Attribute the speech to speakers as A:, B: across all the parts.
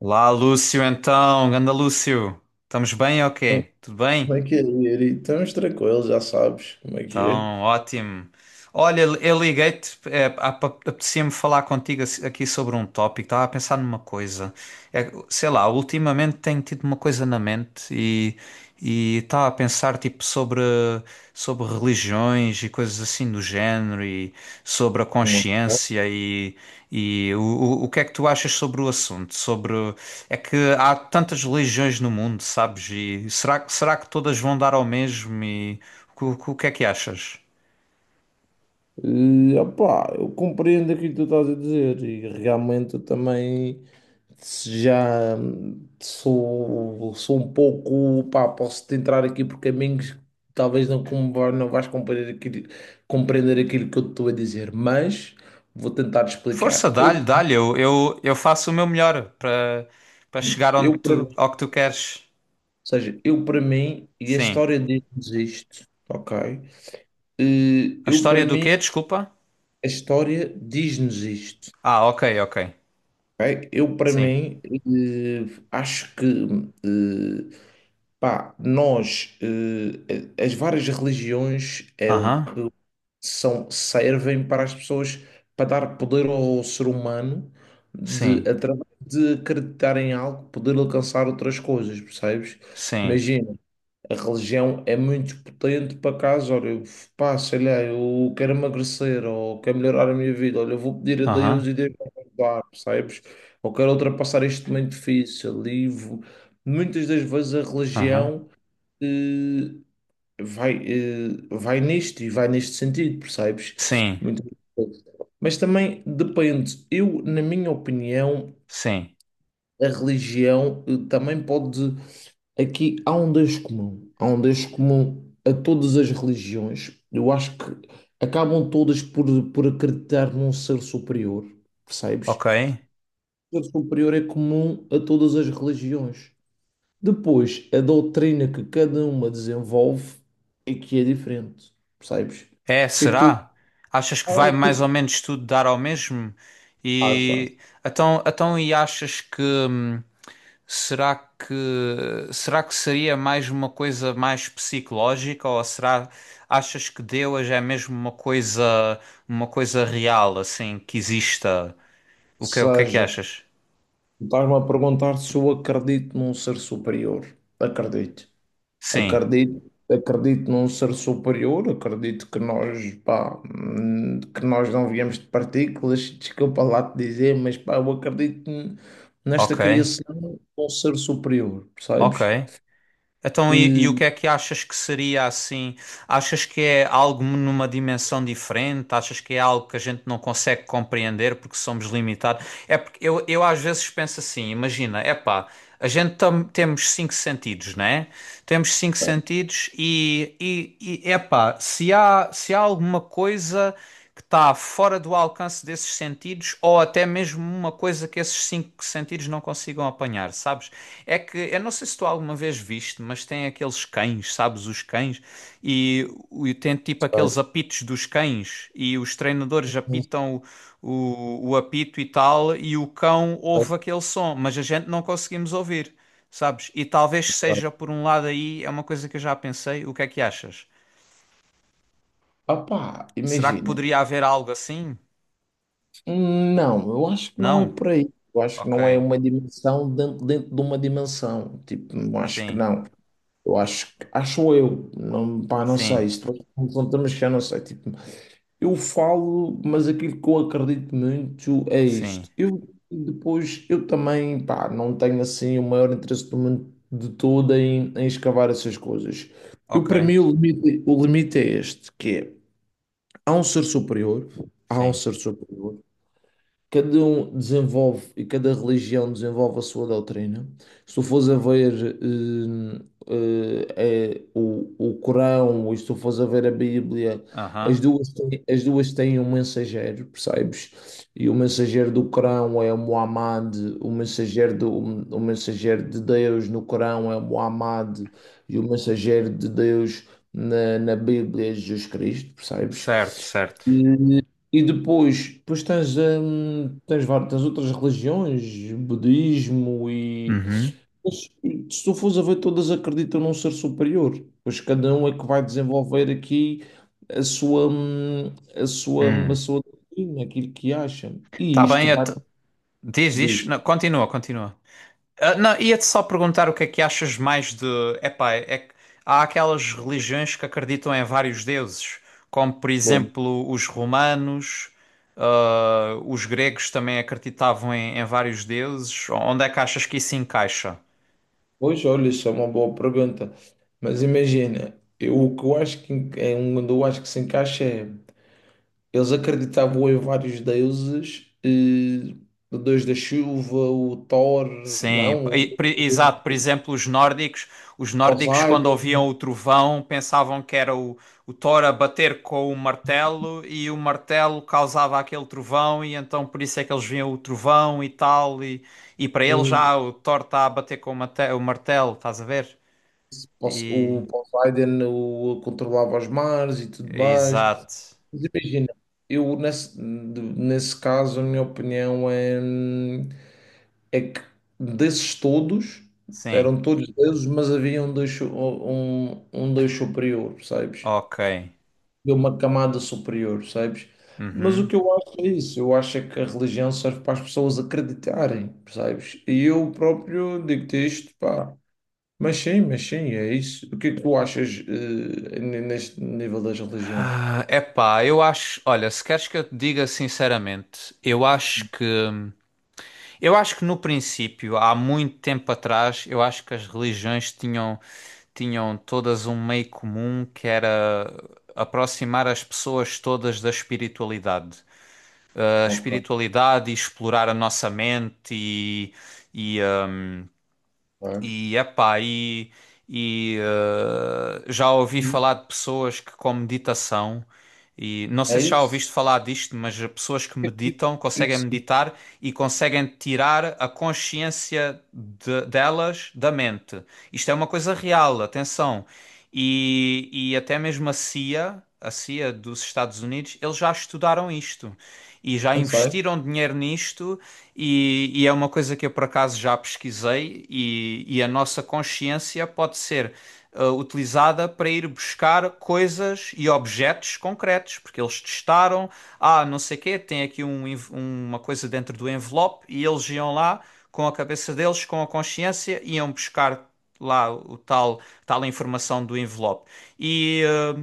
A: Olá, Lúcio, então, ganda Lúcio, estamos bem ou
B: Como é
A: quê? Tudo
B: como
A: bem?
B: é que é ele? Então, uns tranquilos, já sabes como é que é.
A: Então, ótimo. Olha, eu liguei-te, é, apetecia-me falar contigo aqui sobre um tópico, estava a pensar numa coisa. É, sei lá, ultimamente tenho tido uma coisa na mente e estava a pensar tipo sobre, sobre religiões e coisas assim do género, sobre a
B: Hum.
A: consciência e o que é que tu achas sobre o assunto? Sobre é que há tantas religiões no mundo, sabes? E será que todas vão dar ao mesmo? E o que é que achas?
B: E opá, eu compreendo aquilo que tu estás a dizer e realmente eu também se já sou um pouco, pá, posso-te entrar aqui por caminhos que talvez não, com- não vais compreender aquilo que eu te estou a dizer, mas vou tentar
A: Força,
B: explicar.
A: dá-lhe,
B: Eu,
A: dá-lhe, eu faço o meu melhor para chegar onde
B: eu para mim,
A: tu,
B: ou
A: ao que tu queres.
B: seja, eu para mim, e a
A: Sim.
B: história diz-nos isto, ok? Eh,
A: A
B: Eu
A: história
B: para
A: do
B: mim
A: quê? Desculpa.
B: A história diz-nos isto.
A: Ah, ok, ok.
B: Ok? Eu, para
A: Sim.
B: mim, acho que eh, pá, nós, as várias religiões é o
A: Aham.
B: que são, servem para as pessoas para dar poder ao ser humano de,
A: Sim.
B: através de acreditar em algo, poder alcançar outras coisas, percebes?
A: Sim.
B: Imagina. A religião é muito potente para caso, olha, eu, pá, sei lá, eu quero emagrecer ou quero melhorar a minha vida, olha, eu vou pedir a Deus
A: Aham.
B: e Deus vai me ajudar, percebes? Ou quero ultrapassar este momento difícil. Livro muitas das vezes a
A: Aham.
B: religião eh, vai, vai nisto e vai neste sentido, percebes?
A: Sim.
B: Muitas vezes. Mas também depende, eu, na minha opinião,
A: Sim.
B: a religião também pode. Aqui há um Deus comum, há um Deus comum a todas as religiões. Eu acho que acabam todas por acreditar num ser superior, percebes?
A: Ok.
B: O ser superior é comum a todas as religiões. Depois, a doutrina que cada uma desenvolve é que é diferente, percebes? O
A: É,
B: que é que tu
A: será? Achas que
B: ah,
A: vai
B: o que é
A: mais
B: que
A: ou
B: tu
A: menos tudo dar ao mesmo? E
B: achas?
A: então, então e achas que será que seria mais uma coisa mais psicológica, ou será, achas que Deus é mesmo uma coisa, uma coisa real assim que exista?
B: Ou
A: O que é que
B: seja,
A: achas?
B: tu estás-me a perguntar se eu acredito num ser superior. Acredito.
A: Sim,
B: Acredito num ser superior, acredito que nós, pá, que nós não viemos de partículas, desculpa lá te dizer, mas pá, nesta
A: ok,
B: criação de um ser superior, percebes?
A: ok. Então
B: Não
A: e o que é que achas que seria assim? Achas que é algo numa dimensão diferente? Achas que é algo que a gente não consegue compreender porque somos limitados? É porque eu às vezes penso assim, imagina, epá, temos cinco sentidos, né? Temos cinco
B: sei,
A: sentidos e epá, se há alguma coisa que está fora do alcance desses sentidos, ou até mesmo uma coisa que esses cinco sentidos não consigam apanhar, sabes? É que eu não sei se tu alguma vez viste, mas tem aqueles cães, sabes? Os cães e, e tem tipo aqueles apitos dos cães, e os treinadores
B: não
A: apitam o apito e tal, e o cão
B: sei
A: ouve
B: se
A: aquele som, mas a gente não conseguimos ouvir, sabes? E talvez
B: vai.
A: seja por um lado aí, é uma coisa que eu já pensei, o que é que achas?
B: Ah, pá,
A: Será que
B: imagina,
A: poderia haver algo assim?
B: não, eu acho que não é
A: Não?
B: por aí, eu acho que não é
A: Ok.
B: uma dimensão dentro, dentro de uma dimensão, tipo, eu acho que
A: Sim,
B: não. Eu acho, que- acho eu, não, pá, não
A: sim,
B: sei, se tu me perguntas, eu não sei, tipo. Eu falo, mas aquilo que eu acredito muito é
A: sim.
B: isto. Eu depois, eu também, pá, não tenho assim o maior interesse do mundo de todo em, em escavar essas coisas. Eu,
A: Ok,
B: para mim, o limite é este, que é, há um ser superior, há um
A: sim.
B: ser superior. Cada um desenvolve e cada religião desenvolve a sua doutrina. Se tu fores a ver é o Corão, ou se tu fores a ver a Bíblia, as
A: Aham.
B: duas têm, as duas têm um mensageiro, percebes? E o mensageiro do Corão é Muhammad, o mensageiro, do, o mensageiro de Deus no Corão é Muhammad, e o mensageiro de Deus na, na Bíblia é Jesus Cristo, percebes?
A: Certo, certo.
B: E depois, depois tens, tens outras religiões, budismo e.
A: Uhum.
B: Mas, se tu fores a ver, todas acreditam num ser superior, pois cada um é que vai desenvolver aqui a sua, a sua, a
A: Hum.
B: sua doutrina, aquilo que acha. E
A: Tá bem,
B: isto vai.
A: diz isto.
B: Diz,
A: Não, continua, continua. Ah, não, ia-te só perguntar o que é que achas mais de. Epá, é que há aquelas religiões que acreditam em vários deuses, como por
B: bom,
A: exemplo os romanos, ah, os gregos também acreditavam em, em vários deuses. Onde é que achas que isso encaixa?
B: pois olha, isso é uma boa pergunta, mas imagina, eu, o que eu acho que en- é um onde eu acho que se encaixa é. Eles acreditavam em vários deuses, o deus da chuva, o Thor,
A: Sim,
B: não, o
A: exato.
B: o
A: Por exemplo, os nórdicos, os nórdicos, quando
B: Poseidon,
A: ouviam o trovão, pensavam que era o Thor a bater com o martelo, e o martelo causava aquele trovão, e então por isso é que eles viam o trovão e tal, e para eles
B: eh,
A: já o Thor está a bater com o o martelo, estás a ver? E
B: O Poseidon o, controlava os mares e tudo mais.
A: exato.
B: Mas imagina, eu nesse caso, a minha opinião é, é que desses todos,
A: Sim.
B: eram todos deuses, mas havia um, um deus superior, percebes?
A: Ok.
B: De uma camada superior, sabes? Mas o
A: Uhum.
B: que eu acho é isso, eu acho é que a religião serve para as pessoas acreditarem, percebes? E eu próprio digo-te isto, pá. Mas sim, é isso. O que é que tu achas, neste nível das religiões?
A: É epá, eu acho, olha, se queres que eu te diga sinceramente, eu acho que eu acho que no princípio, há muito tempo atrás, eu acho que as religiões tinham, tinham todas um meio comum que era aproximar as pessoas todas da espiritualidade. A
B: Ok,
A: espiritualidade e explorar a nossa mente e
B: é.
A: e, epá, e eh, já ouvi falar de pessoas que com meditação, e não sei
B: É
A: se já
B: isso?
A: ouviste falar disto, mas pessoas que
B: É
A: meditam, conseguem
B: isso. Tu. Sim.
A: meditar e conseguem tirar a consciência delas da mente. Isto é uma coisa real, atenção. E até mesmo a CIA, a CIA dos Estados Unidos, eles já estudaram isto e já
B: Eu sei.
A: investiram dinheiro nisto, e é uma coisa que eu por acaso já pesquisei, e a nossa consciência pode ser ah, utilizada para ir buscar coisas e objetos concretos, porque eles testaram, ah, não sei quê, tem aqui um uma coisa dentro do envelope, e eles iam lá com a cabeça deles, com a consciência, iam buscar lá tal informação do envelope. E, eh,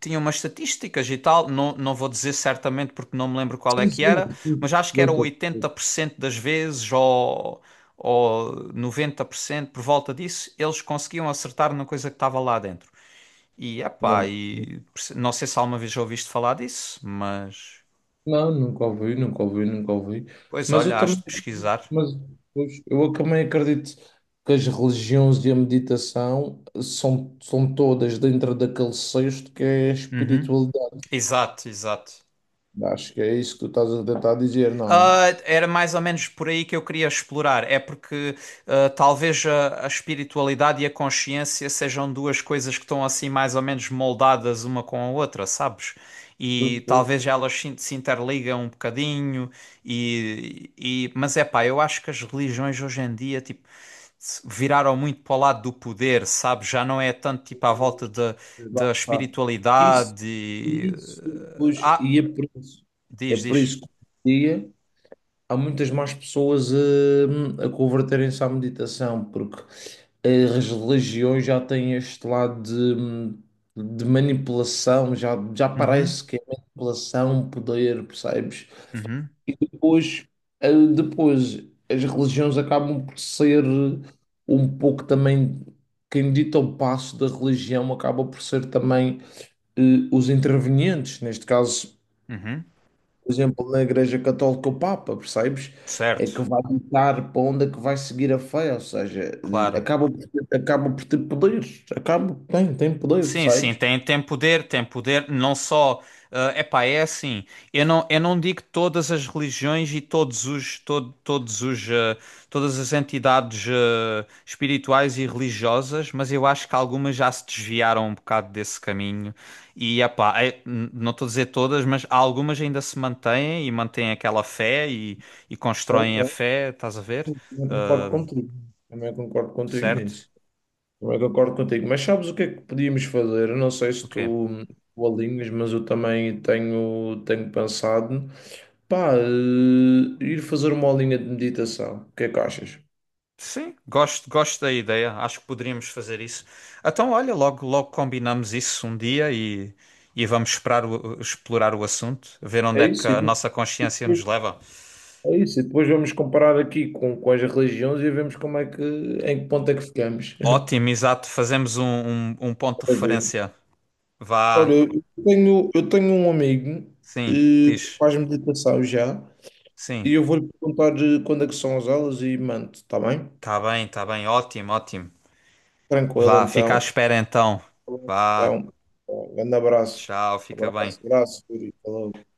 A: tinha umas estatísticas e tal, não, não vou dizer certamente porque não me lembro qual é
B: Sim,
A: que
B: sim,
A: era,
B: sim.
A: mas acho que
B: Eu
A: era
B: estou.
A: 80% das vezes, ou 90%, por cento, por volta disso, eles conseguiam acertar na coisa que estava lá dentro. E epá,
B: Não.
A: e não sei se alguma vez já ouviste falar disso, mas
B: Não, nunca ouvi, nunca ouvi, nunca ouvi.
A: pois
B: Mas
A: olha,
B: eu
A: has de
B: também.
A: pesquisar.
B: Mas pois, eu também acredito que as religiões e a meditação são todas dentro daquele cesto que é a
A: Uhum.
B: espiritualidade.
A: Exato, exato.
B: Acho que é isso que tu estás a tentar dizer, não é?
A: Ah, era mais ou menos por aí que eu queria explorar. É porque ah, talvez a espiritualidade e a consciência sejam duas coisas que estão assim mais ou menos moldadas uma com a outra, sabes?
B: Pois,
A: E
B: pois,
A: talvez
B: pois,
A: elas se interligam um bocadinho e mas é pá, eu acho que as religiões hoje em dia tipo viraram muito para o lado do poder, sabes? Já não é tanto tipo à volta da
B: pois, lá
A: da
B: está. Isso,
A: espiritualidade. E-
B: isso, pois,
A: Ah,
B: e é
A: diz,
B: por
A: diz.
B: isso que hoje em dia há muitas mais pessoas a converterem-se à meditação, porque as religiões já têm este lado hum, de manipulação, já, já
A: Uhum,
B: parece que é manipulação, poder, percebes?
A: uhum,
B: Depois, depois as religiões acabam por ser um pouco também, quem dita o passo da religião acaba por ser também eh, os intervenientes, neste caso
A: uhum.
B: por exemplo, na Igreja Católica o Papa, percebes? É
A: Certo,
B: que vai ditar para onde é que vai seguir a fé, ou seja,
A: claro.
B: acaba por ter poderes, acaba, tem, tem poder,
A: Sim, sim,
B: percebes?
A: tem, tem poder, não só, é epá, é assim, eu não digo todas as religiões e todos os, todo, todos os, eh, todas as entidades, eh, espirituais e religiosas, mas eu acho que algumas já se desviaram um bocado desse caminho e, epá, é, não estou a dizer todas, mas algumas ainda se mantêm e mantêm aquela fé e
B: Ok,
A: constroem a
B: ok.
A: fé, estás a ver?
B: Também concordo contigo, também concordo contigo
A: Certo?
B: nisso, também concordo contigo, mas sabes o que é que podíamos fazer? Eu não sei
A: O
B: se
A: quê?
B: tu, tu alinhas, mas eu também tenho, tenho pensado, pá, ir fazer uma aulinha de meditação, o que é que achas?
A: Sim, gosto, gosto da ideia. Acho que poderíamos fazer isso. Então, olha, logo, logo combinamos isso um dia e vamos esperar explorar o assunto, ver onde
B: É
A: é que
B: isso.
A: a nossa consciência nos leva.
B: É isso, e depois vamos comparar aqui com as religiões e vemos como é que, em que ponto é que ficamos.
A: Ótimo, exato. Fazemos um, um, um ponto de
B: A ver.
A: referência.
B: Olha,
A: Vá,
B: eu tenho um amigo
A: sim,
B: que
A: diz.
B: faz meditação já
A: Sim,
B: e eu vou-lhe perguntar quando é que são as aulas e mando, está bem?
A: tá bem, tá bem. Ótimo, ótimo.
B: Tranquilo,
A: Vá, fica à
B: então.
A: espera então. Vá,
B: Então, um grande abraço.
A: tchau, fica bem.
B: Abraço, abraço, Yuri. Falou.